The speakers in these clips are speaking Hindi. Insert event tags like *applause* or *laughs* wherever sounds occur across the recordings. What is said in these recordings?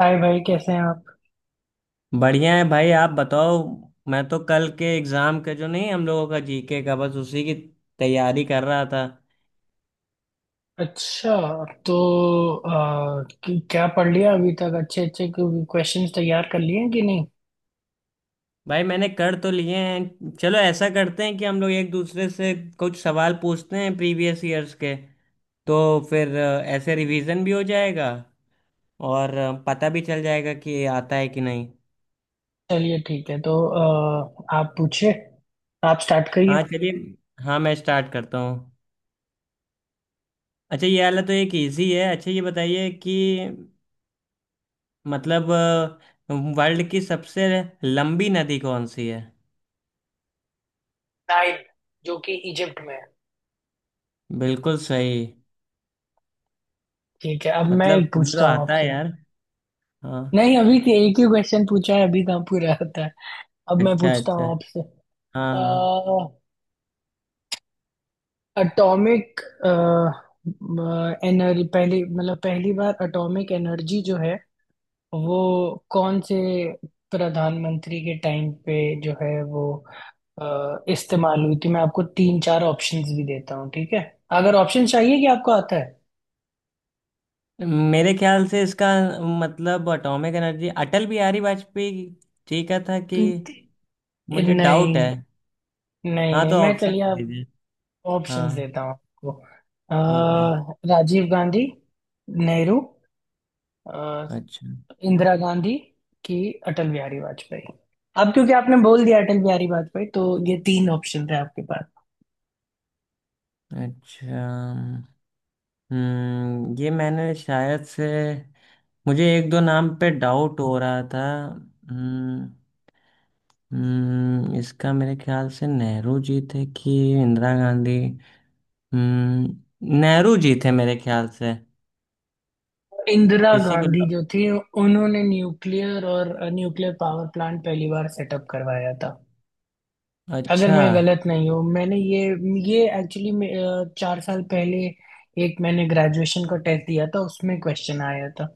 हाय भाई, कैसे हैं आप। बढ़िया है भाई। आप बताओ। मैं तो कल के एग्जाम का जो नहीं, हम लोगों का जीके का, बस उसी की तैयारी कर रहा था। अच्छा। तो क्या पढ़ लिया अभी तक, अच्छे अच्छे क्वेश्चंस तैयार कर लिए हैं कि नहीं। भाई मैंने कर तो लिए हैं। चलो ऐसा करते हैं कि हम लोग एक दूसरे से कुछ सवाल पूछते हैं, प्रीवियस ईयर्स के। तो फिर ऐसे रिवीजन भी हो जाएगा और पता भी चल जाएगा कि आता है कि नहीं। चलिए ठीक है। तो आप पूछिए। आप स्टार्ट करिए। हाँ चलिए। हाँ, मैं स्टार्ट करता हूँ। अच्छा, ये वाला तो एक इजी है। अच्छा ये बताइए कि मतलब वर्ल्ड की सबसे लंबी नदी कौन सी है? नाइन, जो कि इजिप्ट में है। बिल्कुल सही। ठीक है, अब मैं मतलब एक कुंदरो पूछता हूँ आता है आपसे। यार। हाँ। नहीं, अभी तो एक ही क्वेश्चन पूछा है, अभी कहाँ पूरा होता है। अब मैं अच्छा पूछता अच्छा। हूँ आपसे। हाँ हाँ। एटॉमिक एनर्जी पहली, मतलब पहली बार एटॉमिक एनर्जी जो है वो कौन से प्रधानमंत्री के टाइम पे जो है वो इस्तेमाल हुई थी। मैं आपको तीन चार ऑप्शंस भी देता हूँ, ठीक है। अगर ऑप्शन चाहिए कि आपको आता है। मेरे ख्याल से इसका मतलब एटॉमिक एनर्जी अटल बिहारी वाजपेयी ठीक है, था कि? मुझे डाउट नहीं है। नहीं हाँ, नहीं, तो मैं, ऑप्शन चलिए आप। दीजिए। ऑप्शंस हाँ। देता हूँ आपको। ठीक है। राजीव गांधी, नेहरू, अ, अच्छा इंदिरा गांधी की, अटल बिहारी वाजपेयी। अब क्योंकि आपने बोल दिया अटल बिहारी वाजपेयी, तो ये तीन ऑप्शन थे आपके। अच्छा। ये मैंने शायद से मुझे एक दो नाम पे डाउट हो रहा था। हम्म। इसका मेरे ख्याल से नेहरू जी थे कि इंदिरा गांधी। हम्म। नेहरू जी थे मेरे ख्याल से। इंदिरा इसी को। गांधी जो थी, उन्होंने न्यूक्लियर और न्यूक्लियर पावर प्लांट पहली बार सेटअप करवाया था, अगर अच्छा मैं गलत नहीं हूँ। मैंने ये एक्चुअली 4 साल पहले एक मैंने ग्रेजुएशन का टेस्ट दिया था, उसमें क्वेश्चन आया था।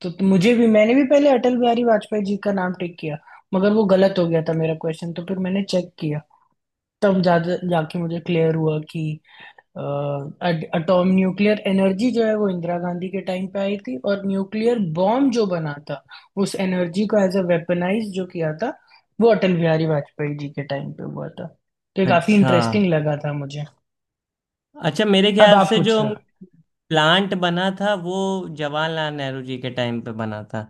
तो मुझे भी, मैंने भी पहले अटल बिहारी वाजपेयी जी का नाम टिक किया, मगर वो गलत हो गया था मेरा क्वेश्चन। तो फिर मैंने चेक किया, तब जा जाके मुझे क्लियर हुआ कि एटॉम न्यूक्लियर एनर्जी जो है वो इंदिरा गांधी के टाइम पे आई थी, और न्यूक्लियर बॉम्ब जो बना था, उस एनर्जी को एज अ वेपनाइज जो किया था, वो अटल बिहारी वाजपेयी जी के टाइम पे हुआ था। तो ये काफी अच्छा। इंटरेस्टिंग लगा था मुझे। अच्छा, मेरे अब ख्याल आप से जो पूछ रहे प्लांट बना था वो जवाहरलाल नेहरू जी के टाइम पे बना था।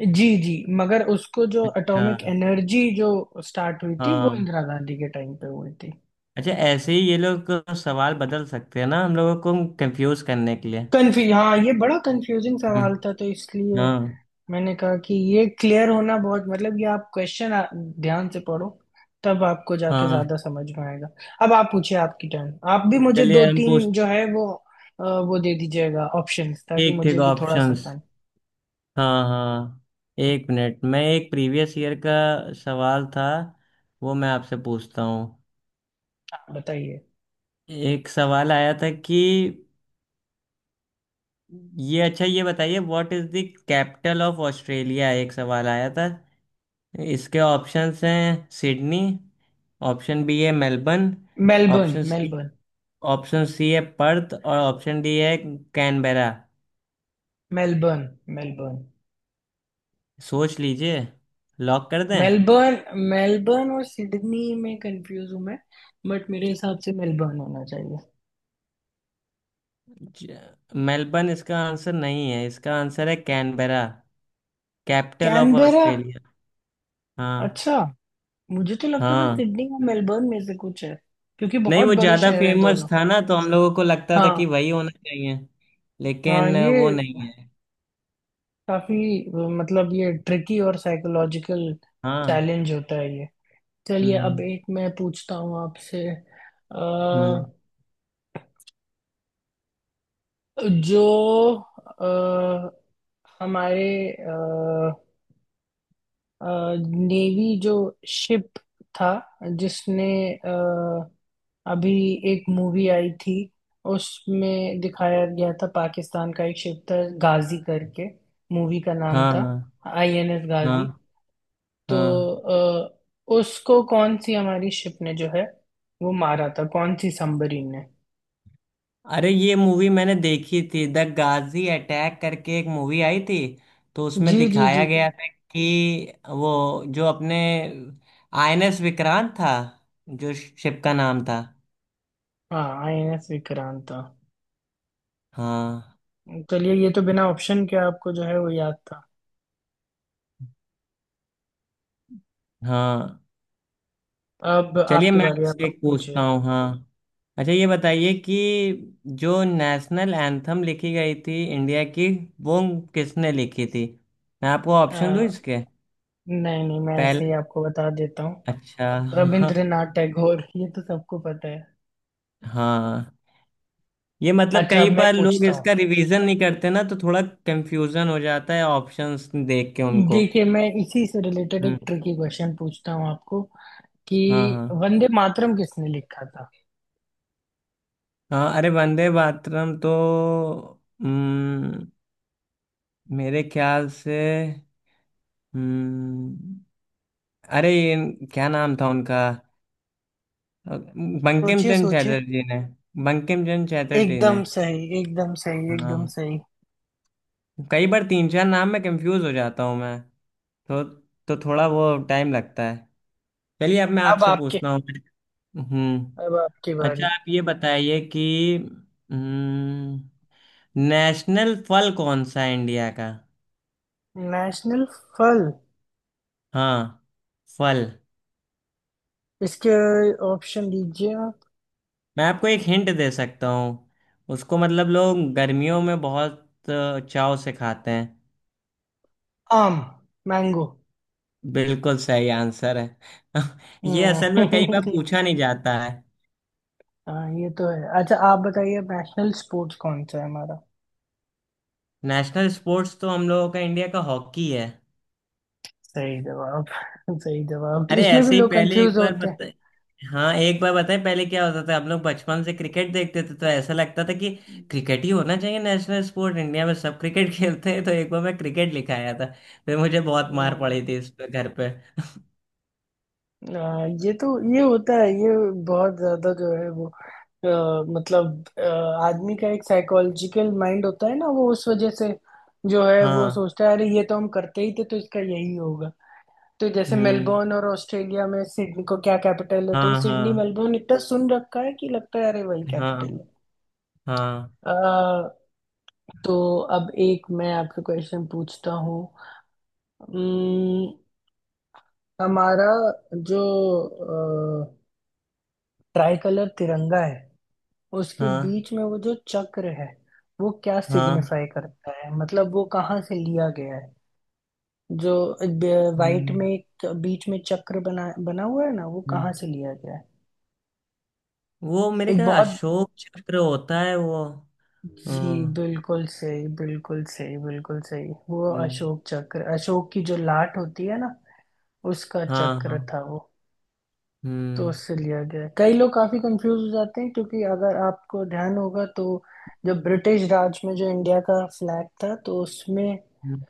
हो, जी जी, मगर उसको जो अच्छा। एटॉमिक एनर्जी जो स्टार्ट हुई थी वो हाँ। इंदिरा गांधी के टाइम पे हुई थी। अच्छा ऐसे ही ये लोग सवाल बदल सकते हैं ना, हम लोगों को कंफ्यूज करने के लिए। कंफ्यू हाँ, ये बड़ा कंफ्यूजिंग सवाल हम्म, था तो इसलिए हाँ। मैंने कहा कि ये क्लियर होना बहुत, मतलब ये आप क्वेश्चन ध्यान से पढ़ो तब आपको जाके हाँ। ज्यादा समझ में आएगा। अब आप पूछिए, आपकी टर्न। आप भी मुझे दो चलिए हम पूछ। तीन जो है वो वो दे दीजिएगा ऑप्शंस ताकि ठीक ठीक मुझे भी थोड़ा सा ऑप्शंस। आसान। हाँ हाँ। एक मिनट, मैं एक प्रीवियस ईयर का सवाल था, वो मैं आपसे पूछता हूँ। हाँ, बताइए। एक सवाल आया था कि, ये अच्छा ये बताइए what is the capital of Australia, एक सवाल आया था। इसके ऑप्शंस हैं सिडनी, ऑप्शन बी है Melbourne, Melbourne. Option C Melbourne. Option C है पर्थ और ऑप्शन डी है कैनबेरा। मेलबर्न। मेलबर्न। सोच लीजिए, लॉक कर दें। मेलबर्न। मेलबर्न और सिडनी में कंफ्यूज हूँ मैं, बट मेरे हिसाब से मेलबर्न होना चाहिए। ज- मेलबर्न इसका आंसर नहीं है। इसका आंसर है Canberra, capital of Canberra. Australia. हाँ। अच्छा। मुझे तो लगता था हाँ, सिडनी और मेलबर्न में से कुछ है, क्योंकि नहीं बहुत वो बड़े ज्यादा शहर हैं फेमस दोनों। था ना तो हम लोगों को लगता था हाँ। कि वही होना चाहिए। हाँ, लेकिन ये वो नहीं है। काफी, मतलब ये ट्रिकी और साइकोलॉजिकल हाँ। चैलेंज होता है ये। चलिए अब हम्म। एक मैं पूछता हूँ आपसे। हम्म। अ, जो अ, हमारे नेवी जो शिप था, जिसने अभी, एक मूवी आई थी उसमें दिखाया गया था, पाकिस्तान का एक शिप था गाजी करके, मूवी का नाम हाँ था हाँ। आईएनएस गाजी। हाँ तो हाँ। अ, उसको कौन सी हमारी शिप ने जो है वो मारा था, कौन सी सबमरीन ने। अरे ये मूवी मैंने देखी थी, द गाजी अटैक करके एक मूवी आई थी। तो उसमें जी जी दिखाया जी जी, गया था कि वो जो अपने आईएनएस विक्रांत था, जो शिप का नाम था। हाँ, आईएनएस विक्रांत था। हाँ। चलिए, ये तो बिना ऑप्शन के आपको जो है वो याद था। हाँ। अब चलिए आपकी मैं बारी, अब आपसे आप एक पूछता पूछिए। हूँ। हाँ, अच्छा ये बताइए कि जो नेशनल एंथम लिखी गई थी इंडिया की, वो किसने लिखी थी? मैं आपको ऑप्शन दूँ अ, इसके? नहीं नहीं, मैं ऐसे पहला। ही आपको बता देता हूँ। अच्छा। रविंद्रनाथ टैगोर, ये तो सबको पता है। *laughs* हाँ, ये मतलब अच्छा अब कई मैं बार लोग पूछता इसका हूँ। रिवीजन नहीं करते ना तो थोड़ा कंफ्यूजन हो जाता है ऑप्शंस देख के उनको। देखिए मैं इसी से रिलेटेड हम्म। एक ट्रिकी क्वेश्चन पूछता हूँ आपको, कि हाँ हाँ वंदे मातरम किसने लिखा था। हाँ। अरे वंदे मातरम तो, हम्म, मेरे ख्याल से। हम्म। अरे, ये क्या नाम था उनका? बंकिम सोचिए चंद्र सोचिए। चटर्जी ने। बंकिम चंद्र चटर्जी एकदम ने। सही एकदम सही एकदम हाँ, सही। कई बार तीन चार नाम में कंफ्यूज हो जाता हूँ मैं। तो तो थोड़ा वो टाइम लगता है। चलिए अब मैं अब आपसे आपके, पूछता हूँ। हम्म। अब आपकी बारी। अच्छा आप ये बताइए कि, हम्म नेशनल फल कौन सा है इंडिया का? नेशनल फल। हाँ फल। इसके ऑप्शन दीजिए आप। मैं आपको एक हिंट दे सकता हूँ उसको, मतलब लोग गर्मियों में बहुत चाव से खाते हैं। आम। मैंगो। बिल्कुल सही आंसर है। *laughs* ये असल में कई हम्म। बार पूछा नहीं जाता है। *laughs* हाँ, ये तो है। अच्छा आप बताइए नेशनल स्पोर्ट्स कौन सा है हमारा। नेशनल स्पोर्ट्स तो हम लोगों का, इंडिया का, हॉकी है। सही जवाब। *laughs* सही जवाब, तो अरे इसमें भी ऐसे ही लोग पहले एक कंफ्यूज बार होते हैं। बता। हाँ, एक बार बताएं पहले क्या होता था, हम लोग बचपन से क्रिकेट देखते थे तो ऐसा लगता था कि क्रिकेट ही होना चाहिए नेशनल स्पोर्ट इंडिया में। सब क्रिकेट *laughs* खेलते हैं तो एक बार मैं क्रिकेट लिखाया था, फिर मुझे बहुत मार हम्म, पड़ी थी इस पे घर पे। ये तो, ये होता है ये, बहुत ज्यादा जो है वो, मतलब आदमी का एक साइकोलॉजिकल माइंड होता है ना वो, उस वजह से जो है वो हाँ। सोचता है अरे ये तो हम करते ही थे तो इसका यही होगा। तो जैसे हम्म। मेलबोर्न और ऑस्ट्रेलिया में सिडनी को क्या कैपिटल है, तो हाँ सिडनी हाँ मेलबोर्न इतना सुन रखा है कि लगता है अरे वही हाँ कैपिटल है। हाँ। अ, तो अब एक मैं आपसे क्वेश्चन पूछता हूँ। हम्म, हमारा जो ट्राई कलर तिरंगा है, उसके हाँ बीच में वो जो चक्र है, वो क्या हाँ। सिग्निफाई करता है, मतलब वो कहाँ से लिया गया है। जो वाइट में हम्म। एक बीच में चक्र बना बना हुआ है ना, वो हम्म। कहाँ से लिया गया है। वो मेरे एक ख्याल बहुत, अशोक चक्र होता है वो। जी, हाँ। बिल्कुल सही बिल्कुल सही बिल्कुल सही, वो हम्म। अशोक चक्र, अशोक की जो लाट होती है ना, उसका हाँ हाँ। चक्र था वो, तो हम्म। उससे लिया गया है। कई लोग काफी कंफ्यूज हो जाते हैं क्योंकि अगर आपको ध्यान होगा तो जब ब्रिटिश राज में जो इंडिया का फ्लैग था तो उसमें अ, हम्म।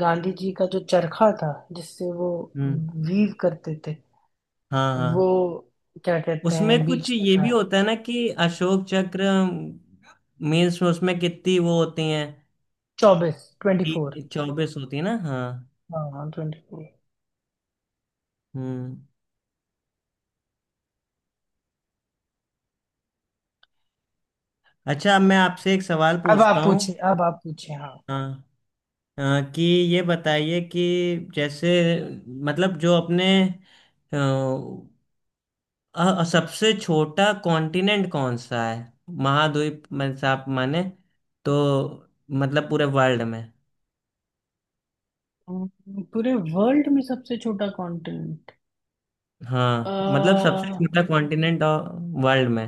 गांधी जी का जो चरखा था, जिससे वो हम्म। वीव करते थे, हाँ वो हाँ। क्या कहते हैं, उसमें कुछ बीच में ये था। भी होता है ना कि अशोक चक्र, मीन्स उसमें कितनी वो होती हैं? 24, 24। 24 होती है ना, हाँ। हाँ हाँ, 24। हम्म। अच्छा अब मैं आपसे एक सवाल अब पूछता आप हूँ। पूछिए, अब आप पूछिए। हाँ, हाँ हाँ, कि ये बताइए कि जैसे, मतलब जो अपने सबसे छोटा कॉन्टिनेंट कौन सा है महाद्वीप में से आप माने, तो मतलब पूरे वर्ल्ड में। पूरे वर्ल्ड में सबसे छोटा कॉन्टिनेंट, हाँ मतलब सबसे छोटा कॉन्टिनेंट वर्ल्ड में।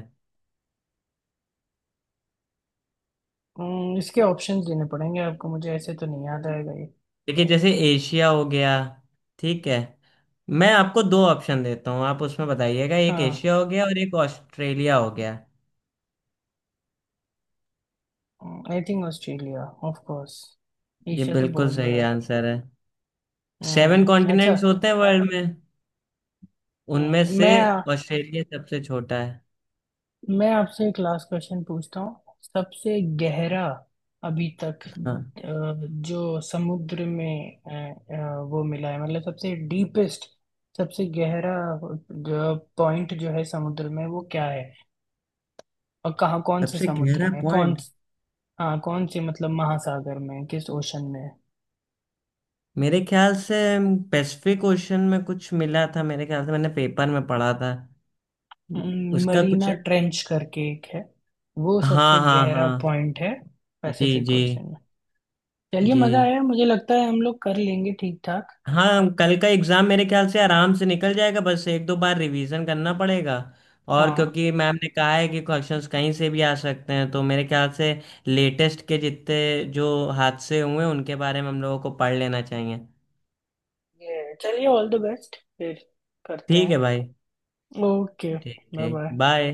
इसके ऑप्शंस देने पड़ेंगे आपको, मुझे ऐसे तो नहीं याद आएगा। देखिए जैसे एशिया हो गया, ठीक है, मैं आपको दो ऑप्शन देता हूँ आप उसमें बताइएगा, एक हम्म एशिया हो गया और एक ऑस्ट्रेलिया हो गया। I think Australia, of course, ये एशिया तो बिल्कुल बहुत बड़ा सही है। आंसर है। 7 हम्म। अच्छा। कॉन्टिनेंट्स होते हैं वर्ल्ड में, हम्म, उनमें से मैं ऑस्ट्रेलिया सबसे छोटा है। मैं आपसे एक लास्ट क्वेश्चन पूछता हूँ, सबसे गहरा अभी तक हाँ। जो समुद्र में वो मिला है मतलब सबसे डीपेस्ट, सबसे गहरा जो पॉइंट जो है समुद्र में वो क्या है, और कहाँ, कौन से सबसे गहरा समुद्र में कौन। पॉइंट? हाँ, कौन से मतलब महासागर में, किस ओशन में। मेरे ख्याल से पैसिफिक ओशन में कुछ मिला था, मेरे ख्याल से मैंने पेपर में पढ़ा था उसका कुछ। मरीना ट्रेंच करके एक है, वो सबसे हाँ हाँ गहरा हाँ। पॉइंट है, जी पैसिफिक जी ओशन में। चलिए, मजा जी। आया। मुझे लगता है हम लोग कर लेंगे ठीक ठाक। हाँ, कल का एग्ज़ाम मेरे ख्याल से आराम से निकल जाएगा, बस एक दो बार रिवीजन करना पड़ेगा। और हाँ क्योंकि मैम ने कहा है कि क्वेश्चंस कहीं से भी आ सकते हैं तो मेरे ख्याल से लेटेस्ट के जितने जो हादसे हुए उनके बारे में हम लोगों को पढ़ लेना चाहिए। ये चलिए, ऑल द बेस्ट फिर करते ठीक है भाई। हैं। ओके। ठीक बाय ठीक, बाय। बाय।